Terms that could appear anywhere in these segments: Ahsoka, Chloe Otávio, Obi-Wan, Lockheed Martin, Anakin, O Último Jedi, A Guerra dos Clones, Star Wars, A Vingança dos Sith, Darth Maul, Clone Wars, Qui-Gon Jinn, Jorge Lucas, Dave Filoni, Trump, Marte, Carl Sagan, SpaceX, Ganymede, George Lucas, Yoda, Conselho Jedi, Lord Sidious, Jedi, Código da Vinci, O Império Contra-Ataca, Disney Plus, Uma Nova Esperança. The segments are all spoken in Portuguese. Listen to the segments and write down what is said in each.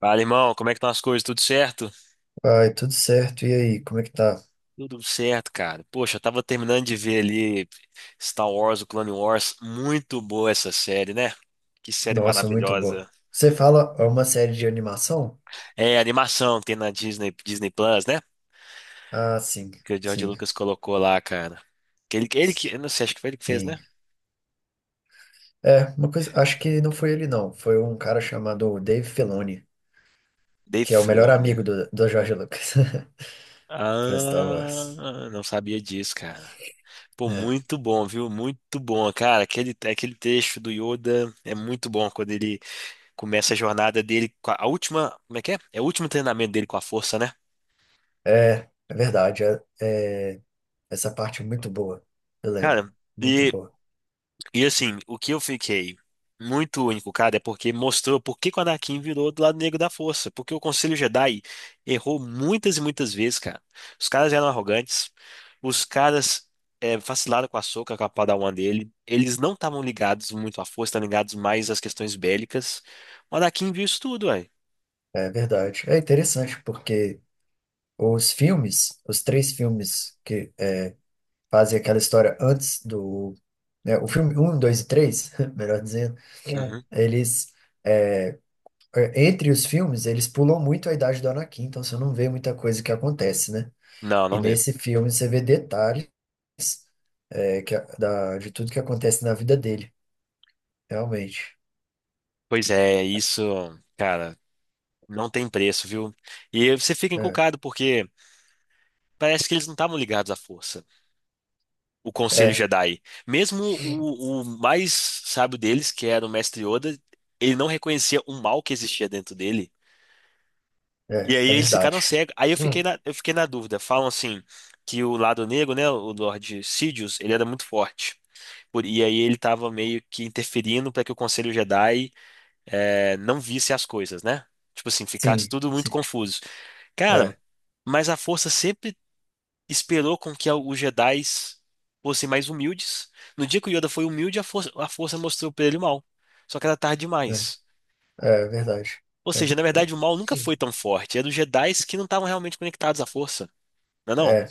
Fala, irmão, como é que estão as coisas? Tudo certo? Ai, tudo certo. E aí, como é que tá? Tudo certo, cara. Poxa, eu tava terminando de ver ali Star Wars, o Clone Wars. Muito boa essa série, né? Que série Nossa, muito boa. maravilhosa. Você fala é uma série de animação? É, animação que tem na Disney, Disney Plus, né? Ah, sim, Que o George sim, Lucas colocou lá, cara. Que ele que, eu não sei, acho que foi ele que fez, né? sim. É, uma coisa, acho que não foi ele não, foi um cara chamado Dave Filoni, Dave que é o melhor Filoni. amigo do Jorge Lucas, pra Star Wars. Ah, não sabia disso, cara. Pô, É, muito bom, viu? Muito bom, cara. Aquele texto do Yoda é muito bom quando ele começa a jornada dele com a última, como é que é? É o último treinamento dele com a força, né? é verdade, essa parte é muito boa, eu lembro, Cara, muito e, boa. e assim, o que eu fiquei muito único, cara, é porque mostrou por que que o Anakin virou do lado negro da força, porque o Conselho Jedi errou muitas e muitas vezes, cara. Os caras eram arrogantes, os caras vacilaram com a Ahsoka, com a Padawan dele, eles não estavam ligados muito à força, estavam ligados mais às questões bélicas. O Anakin viu isso tudo, ué. É verdade. É interessante porque os três filmes que fazem aquela história antes do. Né, o filme um 2 e 3 melhor dizendo, Uhum. eles. é, é, entre os filmes, eles pulam muito a idade do Anakin, então você não vê muita coisa que acontece, né? Não, E não vê. nesse filme você vê detalhes de tudo que acontece na vida dele, realmente. Pois é, isso, cara. Não tem preço, viu? E você fica É, encucado porque parece que eles não estavam ligados à força, o Conselho é, Jedi. Mesmo o mais sábio deles, que era o Mestre Yoda, ele não reconhecia o mal que existia dentro dele. E é, aí é eles ficaram verdade. cegos. Aí eu fiquei na dúvida. Falam assim que o lado negro, né, o Lord Sidious, ele era muito forte. E aí ele estava meio que interferindo para que o Conselho Jedi não visse as coisas, né? Tipo assim, ficasse Sim, tudo muito sim. confuso. Cara, É, mas a força sempre esperou com que os Jedis fossem mais humildes. No dia que o Yoda foi humilde, a força mostrou pra ele o mal. Só que era tarde né? demais. É verdade. Ou É, seja, na verdade, o mal nunca foi tão forte. Era os Jedis que não estavam realmente conectados à força. Não é não? é.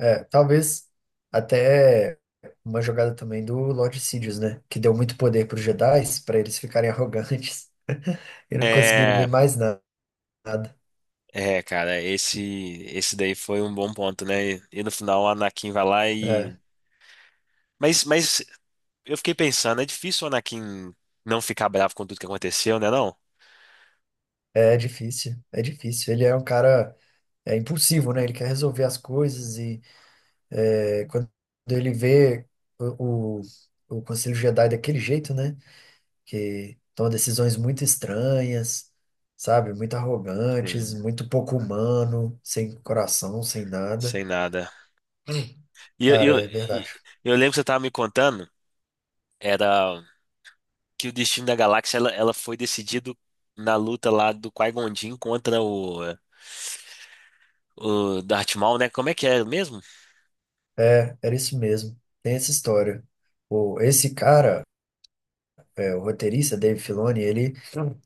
É, talvez até uma jogada também do Lord Sidious, né? Que deu muito poder para os Jedi, para eles ficarem arrogantes e não conseguirem ver É, mais nada. é, cara, esse daí foi um bom ponto, né? E, no final, o Anakin vai lá e. É, Mas eu fiquei pensando, é difícil o Anakin não ficar bravo com tudo que aconteceu, né, não? é difícil, é difícil. Ele é um cara impulsivo, né? Ele quer resolver as coisas e quando ele vê o, o, o Conselho Jedi daquele jeito, né? Que toma decisões muito estranhas, sabe? Muito arrogantes, Sim. muito pouco humano, sem coração, sem nada. Sem nada. E eu, eu, Cara, é e- verdade. eu lembro que você tava me contando, era que o destino da galáxia, ela foi decidido na luta lá do Qui-Gon Jinn contra o Darth Maul, né? Como é que é mesmo? É, era isso mesmo. Tem essa história. Esse cara, o roteirista, Dave Filoni, ele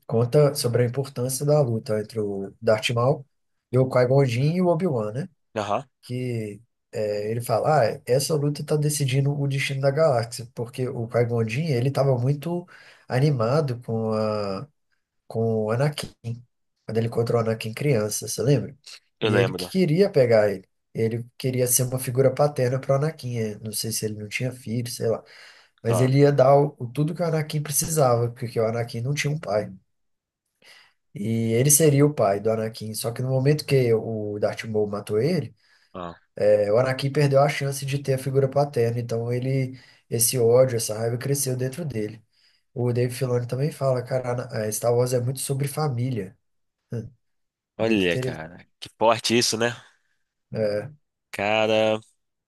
conta sobre a importância da luta entre o Darth Maul e o Qui-Gon Jinn e o Obi-Wan, né? Aham, Que ele fala, ah, essa luta está decidindo o destino da galáxia, porque o Qui-Gon Jinn, ele estava muito animado com o Anakin, quando ele encontrou o Anakin criança, você lembra? eu E ele lembro. que queria pegar ele. Ele queria ser uma figura paterna para o Anakin. Não sei se ele não tinha filho, sei lá. Mas Ó, ele ia dar o tudo que o Anakin precisava, porque o Anakin não tinha um pai. E ele seria o pai do Anakin. Só que no momento que o Darth Maul matou ele, ó. O Anakin perdeu a chance de ter a figura paterna. Então esse ódio, essa raiva cresceu dentro dele. O Dave Filoni também fala, cara, a Star Wars é muito sobre família. É muito Olha, cara, que forte isso, né? É, Cara,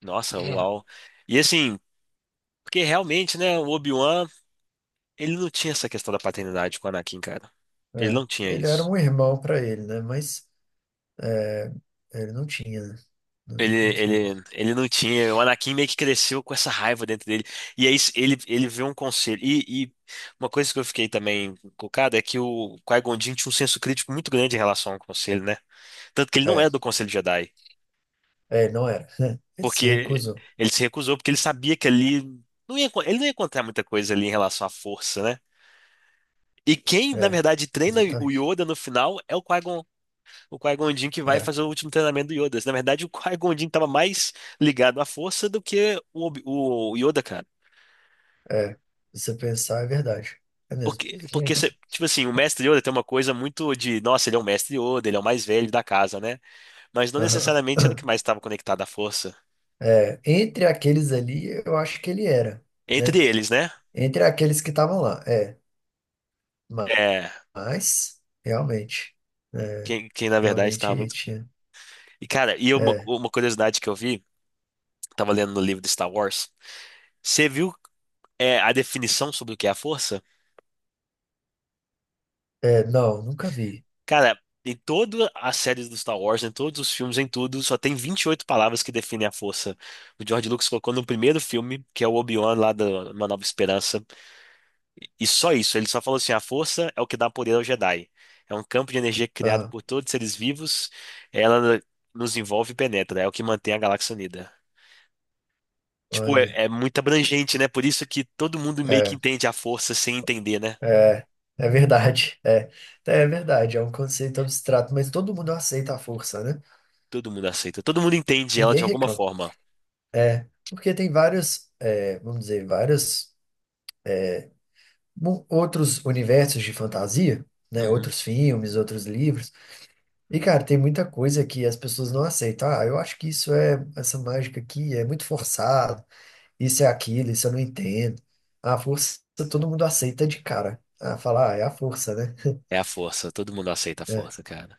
nossa, uau. E assim, porque realmente, né, o Obi-Wan, ele não tinha essa questão da paternidade com o Anakin, cara. Ele é. não tinha Ele era isso. um irmão para ele, né? Mas é, ele não tinha, né? Não, Ele, não tinha. ele, ele não tinha. O Anakin meio que cresceu com essa raiva dentro dele. E aí ele vê um conselho. E uma coisa que eu fiquei também colocado é que o Qui-Gon Jinn tinha um senso crítico muito grande em relação ao conselho, né? Tanto que ele não é É, do Conselho Jedi. é, não era. Ele se Porque recusou. ele se recusou, porque ele sabia que ali ele não ia encontrar muita coisa ali em relação à força, né? E quem, na É, verdade, treina o exatamente. Yoda no final é o Qui-Gon Jinn que vai É, fazer o último treinamento do Yoda. Na verdade, o Qui-Gon Jinn estava mais ligado à força do que o Yoda, cara. é. Se você pensar, é verdade. É mesmo. Tipo assim, o mestre Yoda tem uma coisa muito de, nossa, ele é o mestre Yoda, ele é o mais velho da casa, né? Mas não Aham. necessariamente era o que mais estava conectado à força. É, entre aqueles ali, eu acho que ele era, Entre né? eles, né? Entre aqueles que estavam lá, é. Ma- É, Mas, é, quem na verdade estava. realmente tinha. E, cara, e uma, É, uma curiosidade que eu vi, tava lendo no livro de Star Wars, você viu a definição sobre o que é a força? é, não, nunca vi. Cara, em todas as séries do Star Wars, em todos os filmes, em tudo, só tem 28 palavras que definem a força. O George Lucas colocou no primeiro filme, que é o Obi-Wan lá da Uma Nova Esperança, e só isso, ele só falou assim, a força é o que dá poder ao Jedi. É um campo de energia criado Ah, por todos os seres vivos, ela nos envolve e penetra, é o que mantém a galáxia unida. Tipo, olha. é muito abrangente, né? Por isso que todo mundo meio que É. entende a força sem entender, né? É, é verdade. É verdade. É um conceito abstrato, mas todo mundo aceita a força, né? Todo mundo aceita, todo mundo entende ela Ninguém de alguma reclama. forma. É, porque tem vários, vamos dizer, vários outros universos de fantasia, né? Uhum. Outros filmes, outros livros. E, cara, tem muita coisa que as pessoas não aceitam. Ah, eu acho que essa mágica aqui é muito forçado. Isso é aquilo, isso eu não entendo. A força todo mundo aceita de cara. Ah, falar, ah, é a força, né? É a força, todo mundo aceita a É, força, cara.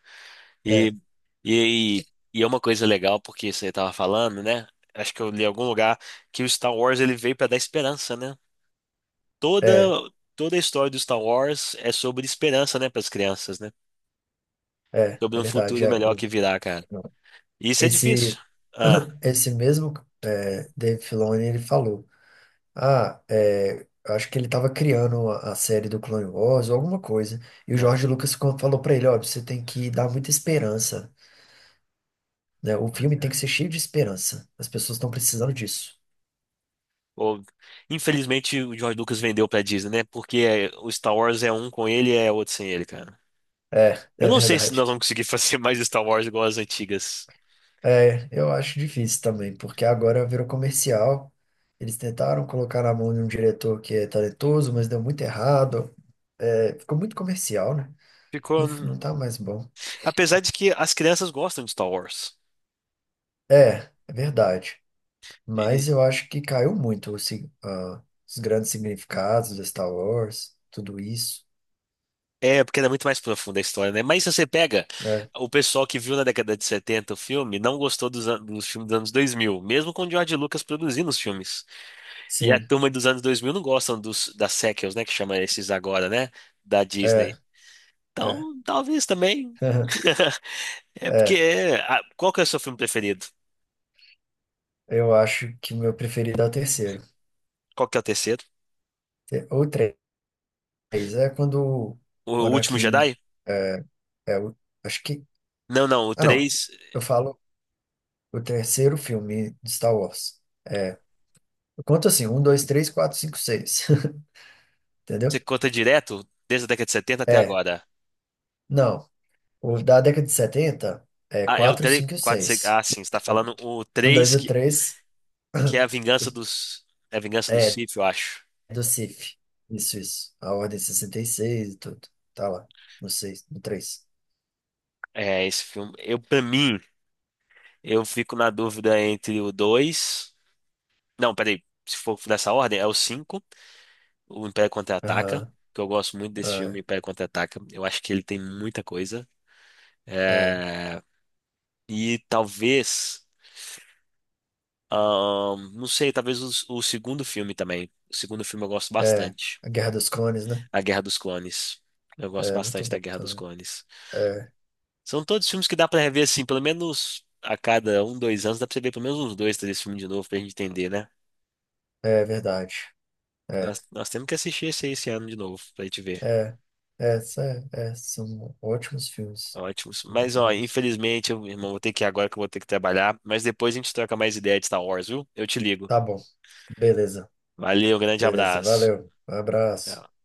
E, é, e, e é uma coisa legal, porque você tava falando, né? Acho que eu li em algum lugar que o Star Wars ele veio pra dar esperança, né? Toda, é, toda a história do Star Wars é sobre esperança, né, para as crianças, né? é, Sobre é um verdade. futuro É, melhor que virá, cara. Isso é difícil. Esse, Ah, esse mesmo Dave Filoni, ele falou, ah, eu acho que ele estava criando a série do Clone Wars ou alguma coisa, e o ah, George Lucas falou para ele, ó, você tem que dar muita esperança, né? O filme tem olha. que ser cheio de esperança, as pessoas estão precisando disso. Ou- Infelizmente o George Lucas vendeu pra Disney, né? O Star Wars é um com ele e é outro sem ele, cara. É, Eu é não sei se nós verdade. vamos conseguir fazer mais Star Wars igual as antigas. É, eu acho difícil também, porque agora virou comercial, eles tentaram colocar na mão de um diretor que é talentoso, mas deu muito errado, ficou muito comercial, né? Não, Ficou. não tá mais bom. Apesar de que as crianças gostam de Star Wars. É, é verdade. Mas E- eu acho que caiu muito o os grandes significados de Star Wars, tudo isso. É, porque era muito mais profunda a história, né? Mas se você pega É, o pessoal que viu na década de 70 o filme, não gostou dos, dos filmes dos anos 2000, mesmo com o George Lucas produzindo os filmes. E a sim, turma dos anos 2000 não gostam dos, das sequels, né? Que chama esses agora, né? Da Disney. é, é. Então, talvez também. É porque. É, Qual que é o seu filme preferido? eu acho que o meu preferido é o terceiro. Qual que é o terceiro? Ou três, é quando O o Último Anakin Jedi? é, é o, acho que, Não, não. O ah não, três. eu falo o terceiro filme de Star Wars. É, eu conto assim, um, dois, três, quatro, cinco, seis, Você entendeu? conta direto desde a década de 70 até É, agora. não. Os da década de 70, é Ah, é o 4, três. 5 e Quatro, 4, seis, ah, sim. Você tá falando o um, dois 3 e 3, que é a vingança dos. É a vingança dos é Sith, eu acho. do CIF. Isso, isso. A ordem 66 e tudo. Tá lá. No 6, no três, É, esse filme. Eu, pra mim, eu fico na dúvida entre o dois. Não, peraí. Se for nessa ordem, é o cinco. O Império Contra-Ataca, Aham. que eu gosto muito desse filme, É, Império Contra-Ataca. Eu acho que ele tem muita coisa. é, É, e talvez, não sei, talvez o segundo filme também. O segundo filme eu gosto é. bastante. A Guerra dos Clones, né? A Guerra dos Clones. Eu gosto É muito bastante da bom Guerra dos também. Clones. É, São todos filmes que dá pra rever assim, pelo menos a cada um, dois anos, dá pra você ver pelo menos uns dois, três filmes de novo pra gente entender, né? é verdade. É, Nós temos que assistir esse ano de novo pra gente ver. é, é, sa- é, são ótimos filmes. Ótimos. São Mas, muito ó, bons. infelizmente, eu, irmão, vou ter que ir agora que eu vou ter que trabalhar. Mas depois a gente troca mais ideia de Star Wars, viu? Eu te ligo. Tá bom. Beleza, Valeu, grande beleza. abraço. Valeu. Um abraço. Tchau.